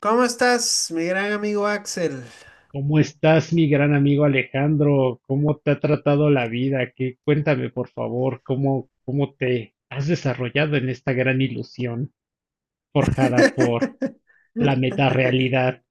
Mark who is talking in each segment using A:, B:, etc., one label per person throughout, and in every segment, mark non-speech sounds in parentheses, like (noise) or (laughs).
A: ¿Cómo estás, mi gran amigo Axel?
B: ¿Cómo estás, mi gran amigo Alejandro? ¿Cómo te ha tratado la vida? ¿Qué? Cuéntame, por favor, ¿cómo te has desarrollado en esta gran ilusión forjada por
A: (laughs)
B: la metarealidad?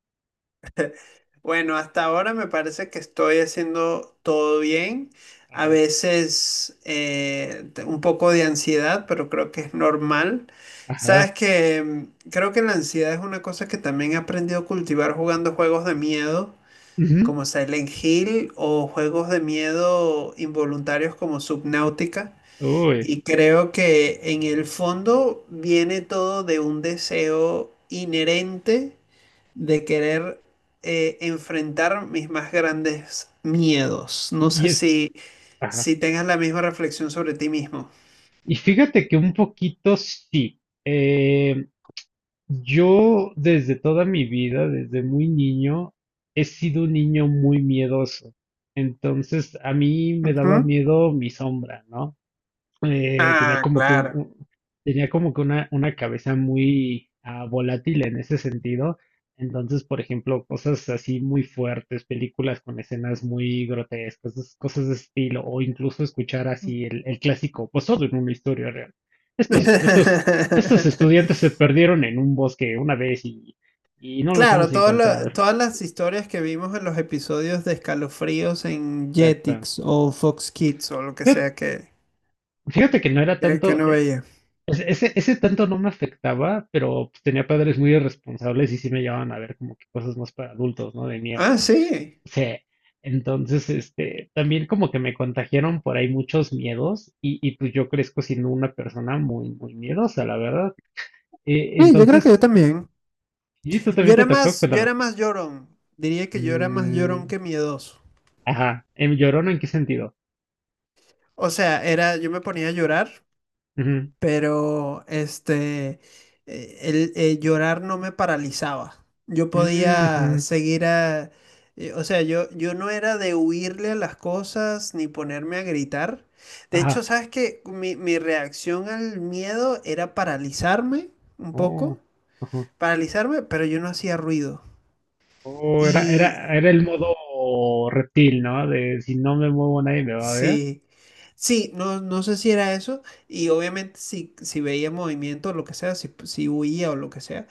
A: Bueno, hasta ahora me parece que estoy haciendo todo bien. A
B: Ajá,
A: veces un poco de ansiedad, pero creo que es normal. Sabes
B: ajá.
A: que creo que la ansiedad es una cosa que también he aprendido a cultivar jugando juegos de miedo,
B: Ujú.
A: como Silent Hill o juegos de miedo involuntarios como Subnautica.
B: Uy.
A: Y creo que en el fondo viene todo de un deseo inherente de querer enfrentar mis más grandes miedos. No
B: y y
A: sé
B: es,
A: si,
B: ajá.
A: si tengas la misma reflexión sobre ti mismo.
B: Y fíjate que un poquito sí. eh, yo desde toda mi vida, desde muy niño, he sido un niño muy miedoso. Entonces, a mí me daba
A: Ujú.
B: miedo mi sombra, ¿no? Tenía
A: Ah,
B: como que
A: claro.
B: tenía como que una cabeza muy volátil en ese sentido. Entonces, por ejemplo, cosas así muy fuertes, películas con escenas muy grotescas, esas cosas de estilo, o incluso escuchar así el clásico, pues todo en una historia real. Estos, estos, estos estudiantes
A: (laughs)
B: se perdieron en un bosque una vez y no los hemos
A: Claro,
B: encontrado.
A: todas las historias que vimos en los episodios de Escalofríos en
B: Exacto.
A: Jetix o Fox Kids o lo que
B: Fíjate
A: sea
B: fíjate que no era
A: que
B: tanto.
A: uno veía.
B: O sea, ese tanto no me afectaba, pero pues, tenía padres muy irresponsables y sí me llevaban a ver como que cosas más para adultos, ¿no? De miedo.
A: Ah, sí.
B: O sea, entonces, este, también como que me contagiaron por ahí muchos miedos y pues yo crezco siendo una persona muy miedosa, la verdad. Eh,
A: Sí, yo creo que yo
B: entonces,
A: también.
B: ¿Y tú también te tocó?
A: Yo
B: Cuéntame.
A: era más llorón. Diría que yo era más llorón
B: Mm,
A: que miedoso.
B: ajá. ¿En llorón en qué sentido?
A: Yo me ponía a llorar,
B: Ujú.
A: pero este, el llorar no me paralizaba. Yo
B: Mm,
A: podía
B: ujú.
A: seguir a, yo no era de huirle a las cosas ni ponerme a gritar. De hecho,
B: Ajá.
A: sabes que mi reacción al miedo era paralizarme un
B: Oh,
A: poco,
B: ajá.
A: paralizarme, pero yo no hacía ruido.
B: Oh,
A: Y
B: era el modo reptil, ¿no? De si no me muevo nadie me va a ver.
A: Sí, sí, no, no sé si era eso, y obviamente si veía movimiento o lo que sea, si huía o lo que sea,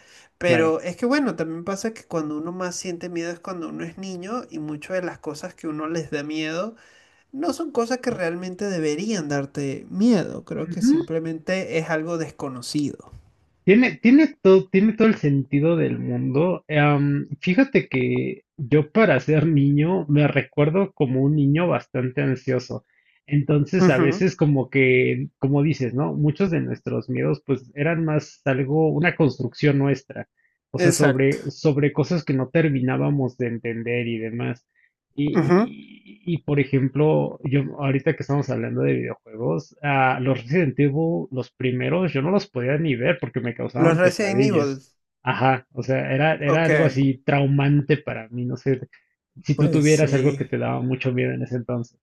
B: Claro.
A: pero es que bueno, también pasa que cuando uno más siente miedo es cuando uno es niño y muchas de las cosas que uno les da miedo no son cosas que realmente deberían darte miedo, creo que
B: Ujú.
A: simplemente es algo desconocido.
B: Tiene todo el sentido del mundo. Fíjate que yo para ser niño me recuerdo como un niño bastante ansioso. Entonces a
A: Ujú,
B: veces como que, como dices, ¿no? Muchos de nuestros miedos pues eran más algo, una construcción nuestra. O sea,
A: exacto.
B: sobre cosas que no terminábamos de entender y demás.
A: Ujú.
B: Por ejemplo, yo ahorita que estamos hablando de videojuegos, los Resident Evil, los primeros, yo no los podía ni ver porque me
A: Los
B: causaban
A: Resident Evil,
B: pesadillas. Ajá, o sea, era
A: ok,
B: algo así traumante para mí, no sé, si tú
A: pues
B: tuvieras algo que
A: sí.
B: te daba mucho miedo en ese entonces.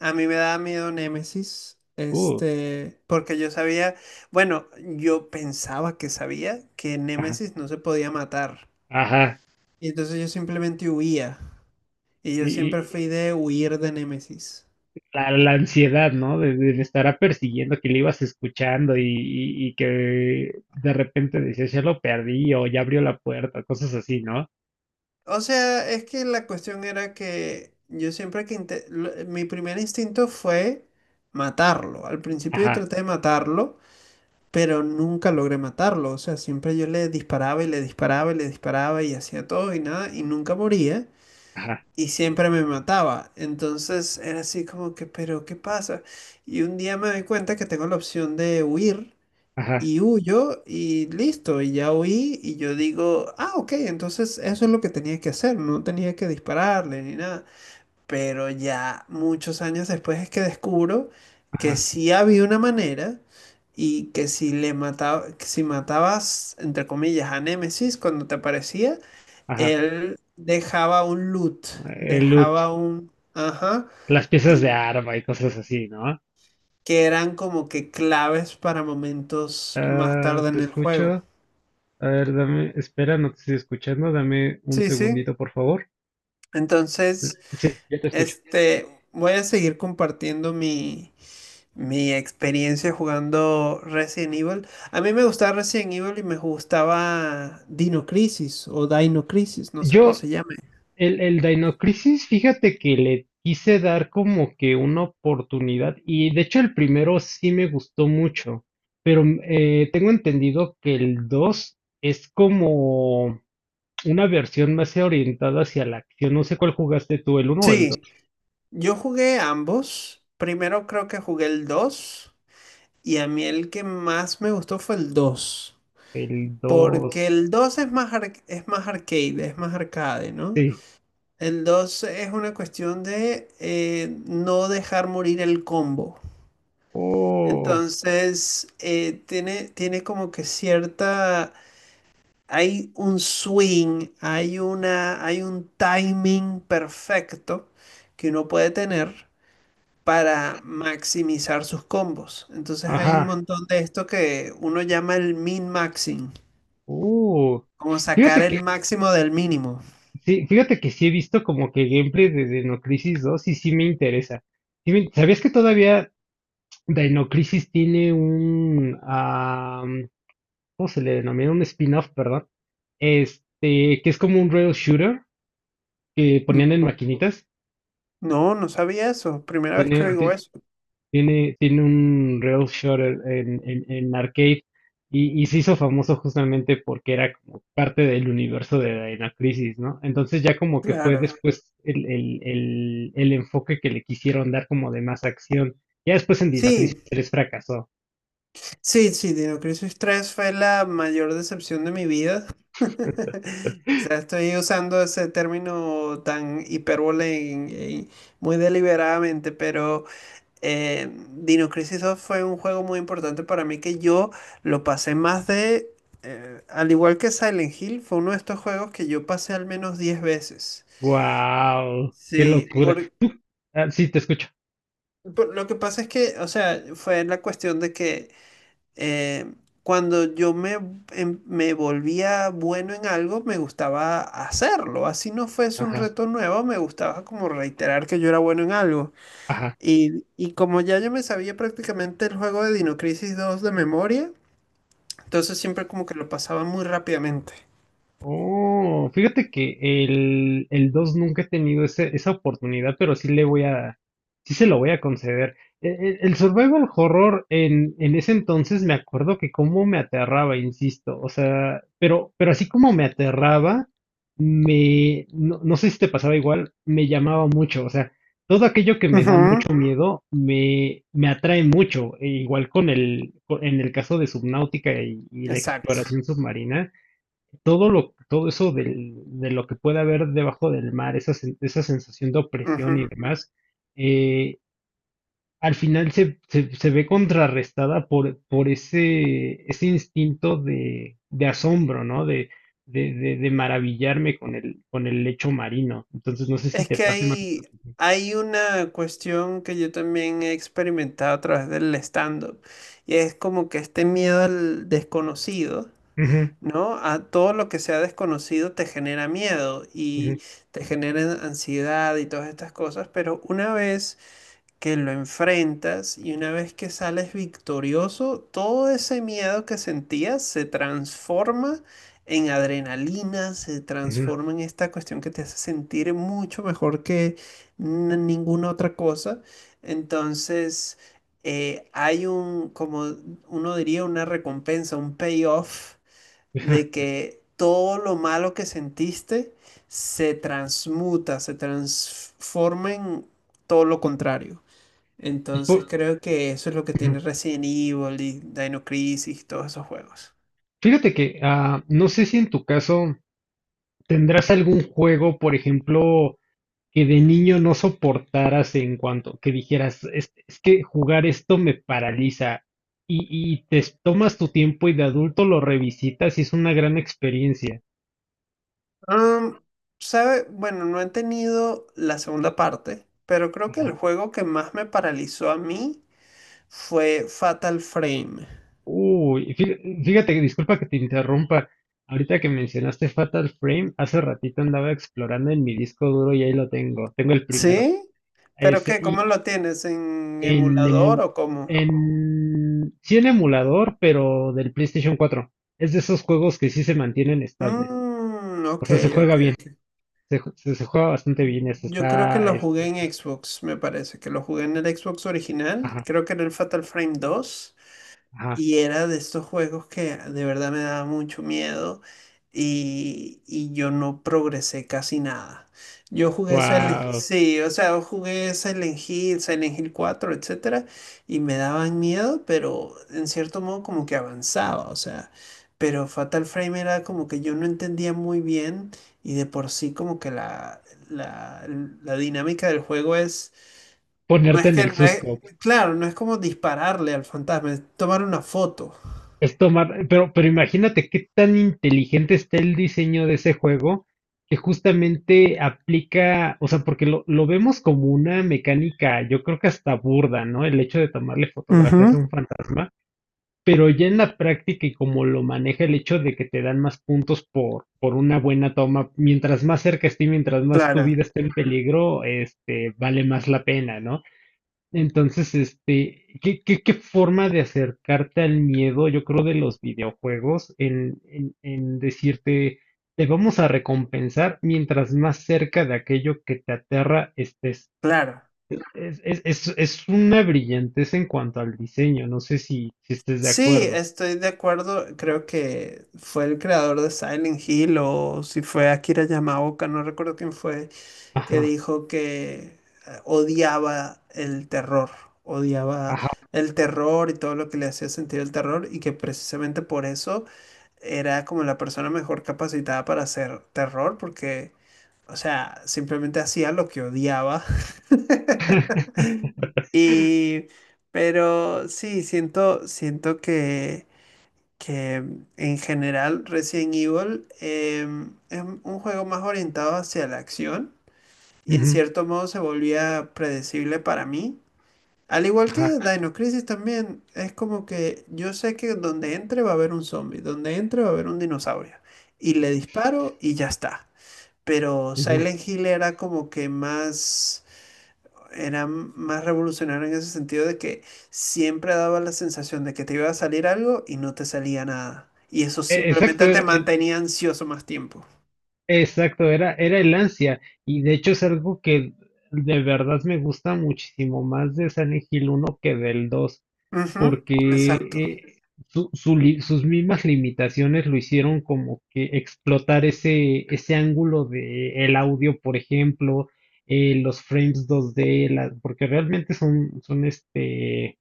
A: A mí me daba miedo Némesis,
B: Uh,
A: este, porque yo sabía, bueno, yo pensaba que sabía que
B: ajá,
A: Némesis no se podía matar.
B: ajá.
A: Y entonces yo simplemente huía. Y yo
B: Y
A: siempre fui de huir de Némesis.
B: la ansiedad, ¿no? De estará persiguiendo, que le ibas escuchando y que de repente decías, ya lo perdí o ya abrió la puerta, cosas así, ¿no?
A: O sea, es que la cuestión era que yo siempre que... Mi primer instinto fue matarlo. Al principio yo
B: Ajá,
A: traté de matarlo, pero nunca logré matarlo. O sea, siempre yo le disparaba y hacía todo y nada y nunca moría.
B: ajá,
A: Y siempre me mataba. Entonces era así como que, pero ¿qué pasa? Y un día me doy cuenta que tengo la opción de huir
B: ajá,
A: y huyo y listo, y ya huí y yo digo, ah, ok, entonces eso es lo que tenía que hacer, no tenía que dispararle ni nada. Pero ya muchos años después es que descubro que
B: ajá,
A: sí había una manera. Y que si le mataba, que si matabas, entre comillas, a Némesis cuando te aparecía,
B: ajá.
A: él dejaba un loot,
B: El loot,
A: dejaba un... Ajá.
B: las piezas de
A: Y
B: arma y cosas así, ¿no?
A: que eran como que claves para momentos más
B: Ah,
A: tarde
B: te
A: en el juego.
B: escucho. A ver, dame, espera, no te estoy escuchando. Dame un
A: Sí, sí.
B: segundito, por favor.
A: Entonces,
B: Sí, ya te escucho.
A: voy a seguir compartiendo mi experiencia jugando Resident Evil. A mí me gustaba Resident Evil y me gustaba Dino Crisis o Dino Crisis, no sé cómo
B: Yo,
A: se llame.
B: el Dino Crisis, fíjate que le quise dar como que una oportunidad y de hecho el primero sí me gustó mucho, pero mm, tengo entendido que el 2 es como... Una versión más orientada hacia la acción. No sé cuál jugaste tú, el uno o el dos.
A: Sí, yo jugué ambos. Primero creo que jugué el 2. Y a mí el que más me gustó fue el dos.
B: El
A: Porque
B: dos.
A: el 2 es es más arcade, ¿no?
B: Sí.
A: El 2 es una cuestión de no dejar morir el combo.
B: Oh,
A: Entonces, tiene como que cierta... Hay un swing, hay una, hay un timing perfecto que uno puede tener para maximizar sus combos. Entonces hay un
B: ajá.
A: montón de esto que uno llama el min-maxing,
B: Uh.
A: como sacar
B: Fíjate
A: el
B: que
A: máximo del mínimo.
B: sí, fíjate que sí he visto como que gameplay de Dino Crisis dos y sí me interesa. Sí me- ¿Sabías que todavía Dino Crisis tiene un ¿cómo se le denomina? Un spin-off, perdón. Este, que es como un rail shooter que
A: Mm,
B: ponían en maquinitas.
A: No, no sabía eso. Primera vez que oigo eso.
B: Tiene un rail shooter en, en arcade y se hizo famoso justamente porque era como parte del universo de Dino Crisis, ¿no? Entonces ya como que fue
A: Claro.
B: después el enfoque que le quisieron dar como de más acción. Ya después en Dino Crisis
A: Sí,
B: 3 fracasó.
A: sí, sí, Dino Crisis 3 fue la mayor decepción de mi vida. (laughs) O sea, estoy usando ese término tan hipérbole muy deliberadamente, pero Dino Crisis 2 fue un juego muy importante para mí que yo lo pasé más de, al igual que Silent Hill, fue uno de estos juegos que yo pasé al menos 10 veces.
B: ¡Wow! ¡Qué
A: Sí,
B: locura! Tú- ah, sí, te escucho.
A: lo que pasa es que, o sea, fue la cuestión de que eh, cuando yo me, em- me volvía bueno en algo, me gustaba hacerlo. Así no fuese un
B: Ajá,
A: reto nuevo, me gustaba como reiterar que yo era bueno en algo.
B: ajá.
A: Y como ya yo me sabía prácticamente el juego de Dino Crisis 2 de memoria, entonces siempre como que lo pasaba muy rápidamente.
B: Oh, fíjate que el 2 nunca he tenido ese- esa oportunidad, pero sí le voy a, sí se lo voy a conceder. E- e- El, survival horror en ese entonces me acuerdo que cómo me aterraba, insisto, o sea, pero así como me aterraba, me, no, no sé si te pasaba igual, me llamaba mucho, o sea, todo aquello que me da mucho
A: Ujú,
B: miedo me, me atrae mucho, e igual con el, co- en el caso de Subnáutica y la
A: exacto.
B: exploración submarina. Todo lo, todo eso del- de lo que puede haber debajo del mar, esa, sen- esa sensación de opresión y
A: Ujú.
B: demás, eh, al final se, se- se ve contrarrestada por ese instinto de asombro, ¿no? De maravillarme con el lecho marino. Entonces, no sé si
A: Es
B: te
A: que
B: pasa. Max.
A: hay una cuestión que yo también he experimentado a través del stand-up, y es como que este miedo al desconocido,
B: Ujú,
A: ¿no? A todo lo que sea desconocido te genera miedo
B: ujú,
A: y te genera ansiedad y todas estas cosas, pero una vez que lo enfrentas y una vez que sales victorioso, todo ese miedo que sentías se transforma en adrenalina, se
B: ujú,
A: transforma en esta cuestión que te hace sentir mucho mejor que ninguna otra cosa. Entonces, hay un, como uno diría, una recompensa, un payoff
B: ajá.
A: de que todo lo malo que sentiste se transmuta, se transforma en todo lo contrario.
B: Y
A: Entonces
B: por-
A: creo que eso es lo que
B: ujú.
A: tiene Resident Evil y Dino Crisis, todos esos juegos.
B: Fíjate que, no sé si en tu caso tendrás algún juego, por ejemplo, que de niño no soportaras en cuanto que dijeras, es que jugar esto me paraliza y te s- tomas tu tiempo y de adulto lo revisitas y es una gran experiencia.
A: Am, ¿sabe? Bueno, no he tenido la segunda parte, pero creo que el juego que más me paralizó a mí fue Fatal Frame.
B: Uy, fí- fíjate, disculpa que te interrumpa. Ahorita que mencionaste Fatal Frame, hace ratito andaba explorando en mi disco duro y ahí lo tengo, tengo el primero.
A: ¿Sí? ¿Pero
B: Ese,
A: qué? ¿Cómo
B: y
A: lo tienes? ¿En
B: en,
A: emulador
B: emul-
A: o cómo?
B: en, sí en emulador, pero del PlayStation cuatro. Es de esos juegos que sí se mantienen estables. O
A: Ok,
B: sea, se juega
A: ok,
B: bien.
A: ok.
B: Se, ju- se- se juega bastante bien. Eso
A: Yo creo que
B: está,
A: lo jugué
B: este,
A: en
B: es-
A: Xbox, me parece, que lo jugué en el Xbox original,
B: ajá,
A: creo que era el Fatal Frame 2.
B: ajá.
A: Y era de estos juegos que de verdad me daba mucho miedo y yo no progresé casi nada. Yo jugué Silent,
B: Wow.
A: sí, o sea, yo jugué Silent Hill, Silent Hill cuatro, etcétera, y me daban miedo, pero en cierto modo como que avanzaba, o sea, pero Fatal Frame era como que yo no entendía muy bien y de por sí como que la, la dinámica del juego es, no
B: Ponerte
A: es
B: en
A: que,
B: el
A: no es,
B: susto.
A: claro, no es como dispararle al fantasma, es tomar una foto.
B: Es tomar, pero imagínate qué tan inteligente está el diseño de ese juego que justamente aplica, o sea, porque lo vemos como una mecánica, yo creo que hasta burda, ¿no? El hecho de tomarle fotografías
A: Ujú,
B: a un fantasma, pero ya en la práctica y como lo maneja el hecho de que te dan más puntos por una buena toma, mientras más cerca esté, mientras más tu
A: claro,
B: vida esté en peligro, este, vale más la pena, ¿no? Entonces, este, ¿qué, qué, qué forma de acercarte al miedo, yo creo, de los videojuegos en decirte, te vamos a recompensar mientras más cerca de aquello que te aterra estés?
A: claro.
B: Es una brillantez en cuanto al diseño, no sé si, si estés de
A: Sí,
B: acuerdo.
A: estoy de acuerdo. Creo que fue el creador de Silent Hill o si fue Akira Yamaoka, no recuerdo quién fue. Que dijo que eh, odiaba el terror, odiaba
B: Ajá.
A: el terror y todo lo que le hacía sentir el terror y que precisamente por eso era como la persona mejor capacitada para hacer terror porque, o sea, simplemente hacía lo que odiaba. (laughs)
B: (laughs)
A: Y, pero sí, siento que en general Resident Evil es un juego más orientado hacia la acción y en
B: Ujú,
A: cierto modo se volvía predecible para mí. Al igual
B: ajá,
A: que Dino Crisis también, es como que yo sé que donde entre va a haber un zombie, donde entre va a haber un dinosaurio. Y le disparo y ya está. Pero
B: ujú.
A: Silent Hill era como que más, era más revolucionario en ese sentido de que siempre daba la sensación de que te iba a salir algo y no te salía nada. Y eso
B: E- Exacto,
A: simplemente te
B: era- era-
A: mantenía ansioso más tiempo.
B: exacto, era el ansia. Y de hecho es algo que de verdad me gusta muchísimo más de Silent Hill uno que del 2,
A: Ujú,
B: porque
A: exacto.
B: su- su li- sus mismas limitaciones lo hicieron como que explotar ese ángulo de el audio, por ejemplo, los frames dos d la- porque realmente son, son este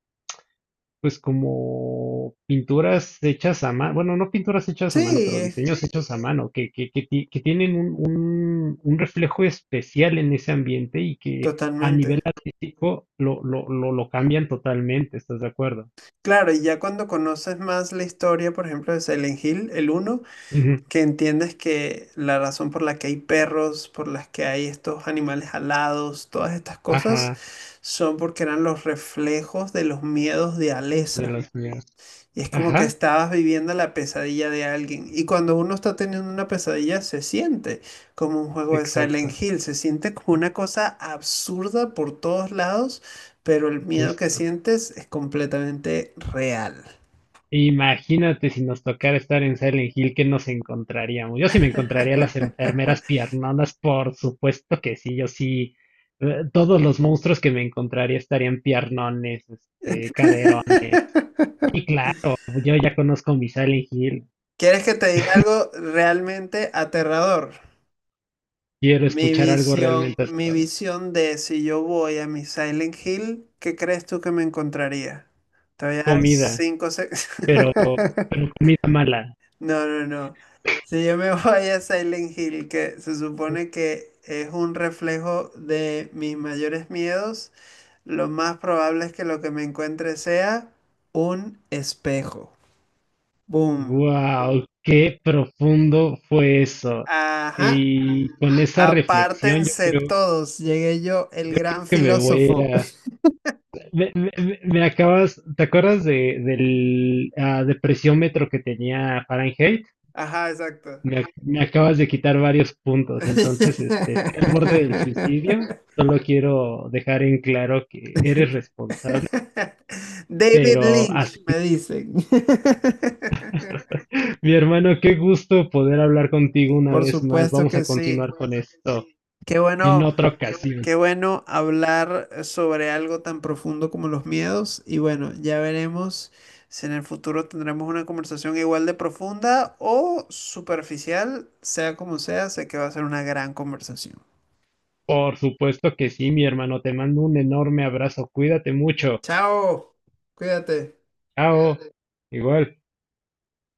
B: pues como pinturas hechas a mano, bueno, no pinturas hechas a mano,
A: Sí,
B: pero diseños hechos a mano, ti- que tienen un, un reflejo especial en ese ambiente y que a nivel
A: totalmente.
B: artístico lo, lo cambian totalmente, ¿estás de acuerdo?
A: Claro, y ya cuando conoces más la historia, por ejemplo, de Silent Hill, el uno,
B: Ujú.
A: que entiendes que la razón por la que hay perros, por las que hay estos animales alados, todas estas cosas,
B: Ajá,
A: son porque eran los reflejos de los miedos de
B: de
A: Alessa.
B: las mías.
A: Y es como que
B: Ajá,
A: estabas viviendo la pesadilla de alguien. Y cuando uno está teniendo una pesadilla, se siente como un juego de Silent
B: exacto,
A: Hill, se siente como una cosa absurda por todos lados, pero el miedo que
B: justo.
A: sientes es completamente real.
B: Imagínate si nos tocara estar en Silent Hill, ¿qué nos encontraríamos? Yo sí me encontraría a las
A: (laughs)
B: enfermeras piernonas, por supuesto que sí, yo sí. Todos los monstruos que me encontraría estarían piernones, este, caderones. Y claro, yo ya conozco mi Silent Hill.
A: ¿Quieres que te diga algo realmente aterrador?
B: Quiero escuchar algo realmente
A: Mi
B: aterrador.
A: visión de si yo voy a mi Silent Hill, ¿qué crees tú que me encontraría? Te voy a dar
B: Comida,
A: 5 segundos.
B: pero,
A: (laughs)
B: pero comida mala.
A: No, no, no. Si yo me (laughs) voy a Silent Hill, que se supone que es un reflejo de mis mayores miedos, lo más probable es que lo que me encuentre sea un espejo. Boom.
B: Wow, qué profundo fue eso.
A: Ajá.
B: Y con esa reflexión,
A: Apártense todos, llegué yo, el
B: yo creo
A: gran
B: que me voy a
A: filósofo.
B: ir.
A: (laughs)
B: Me acabas, ¿te acuerdas de, del ah, depresiómetro que tenía Fahrenheit?
A: Ajá, exacto.
B: Me, ac- me acabas de quitar varios puntos, entonces este, estoy al borde del suicidio.
A: (laughs)
B: Solo quiero dejar en claro que eres responsable,
A: David
B: pero hasta-
A: Lynch, me dicen. (laughs)
B: (laughs) mi hermano, qué gusto poder hablar contigo una
A: Por
B: vez más.
A: supuesto
B: Vamos a
A: que
B: continuar
A: sí.
B: con esto
A: Qué
B: en
A: bueno.
B: otra ocasión.
A: Qué bueno hablar sobre algo tan profundo como los miedos y bueno, ya veremos si en el futuro tendremos una conversación igual de profunda o superficial, sea como sea, sé que va a ser una gran conversación.
B: Por supuesto que sí, mi hermano. Te mando un enorme abrazo. Cuídate mucho.
A: Chao, cuídate.
B: Chao. Igual.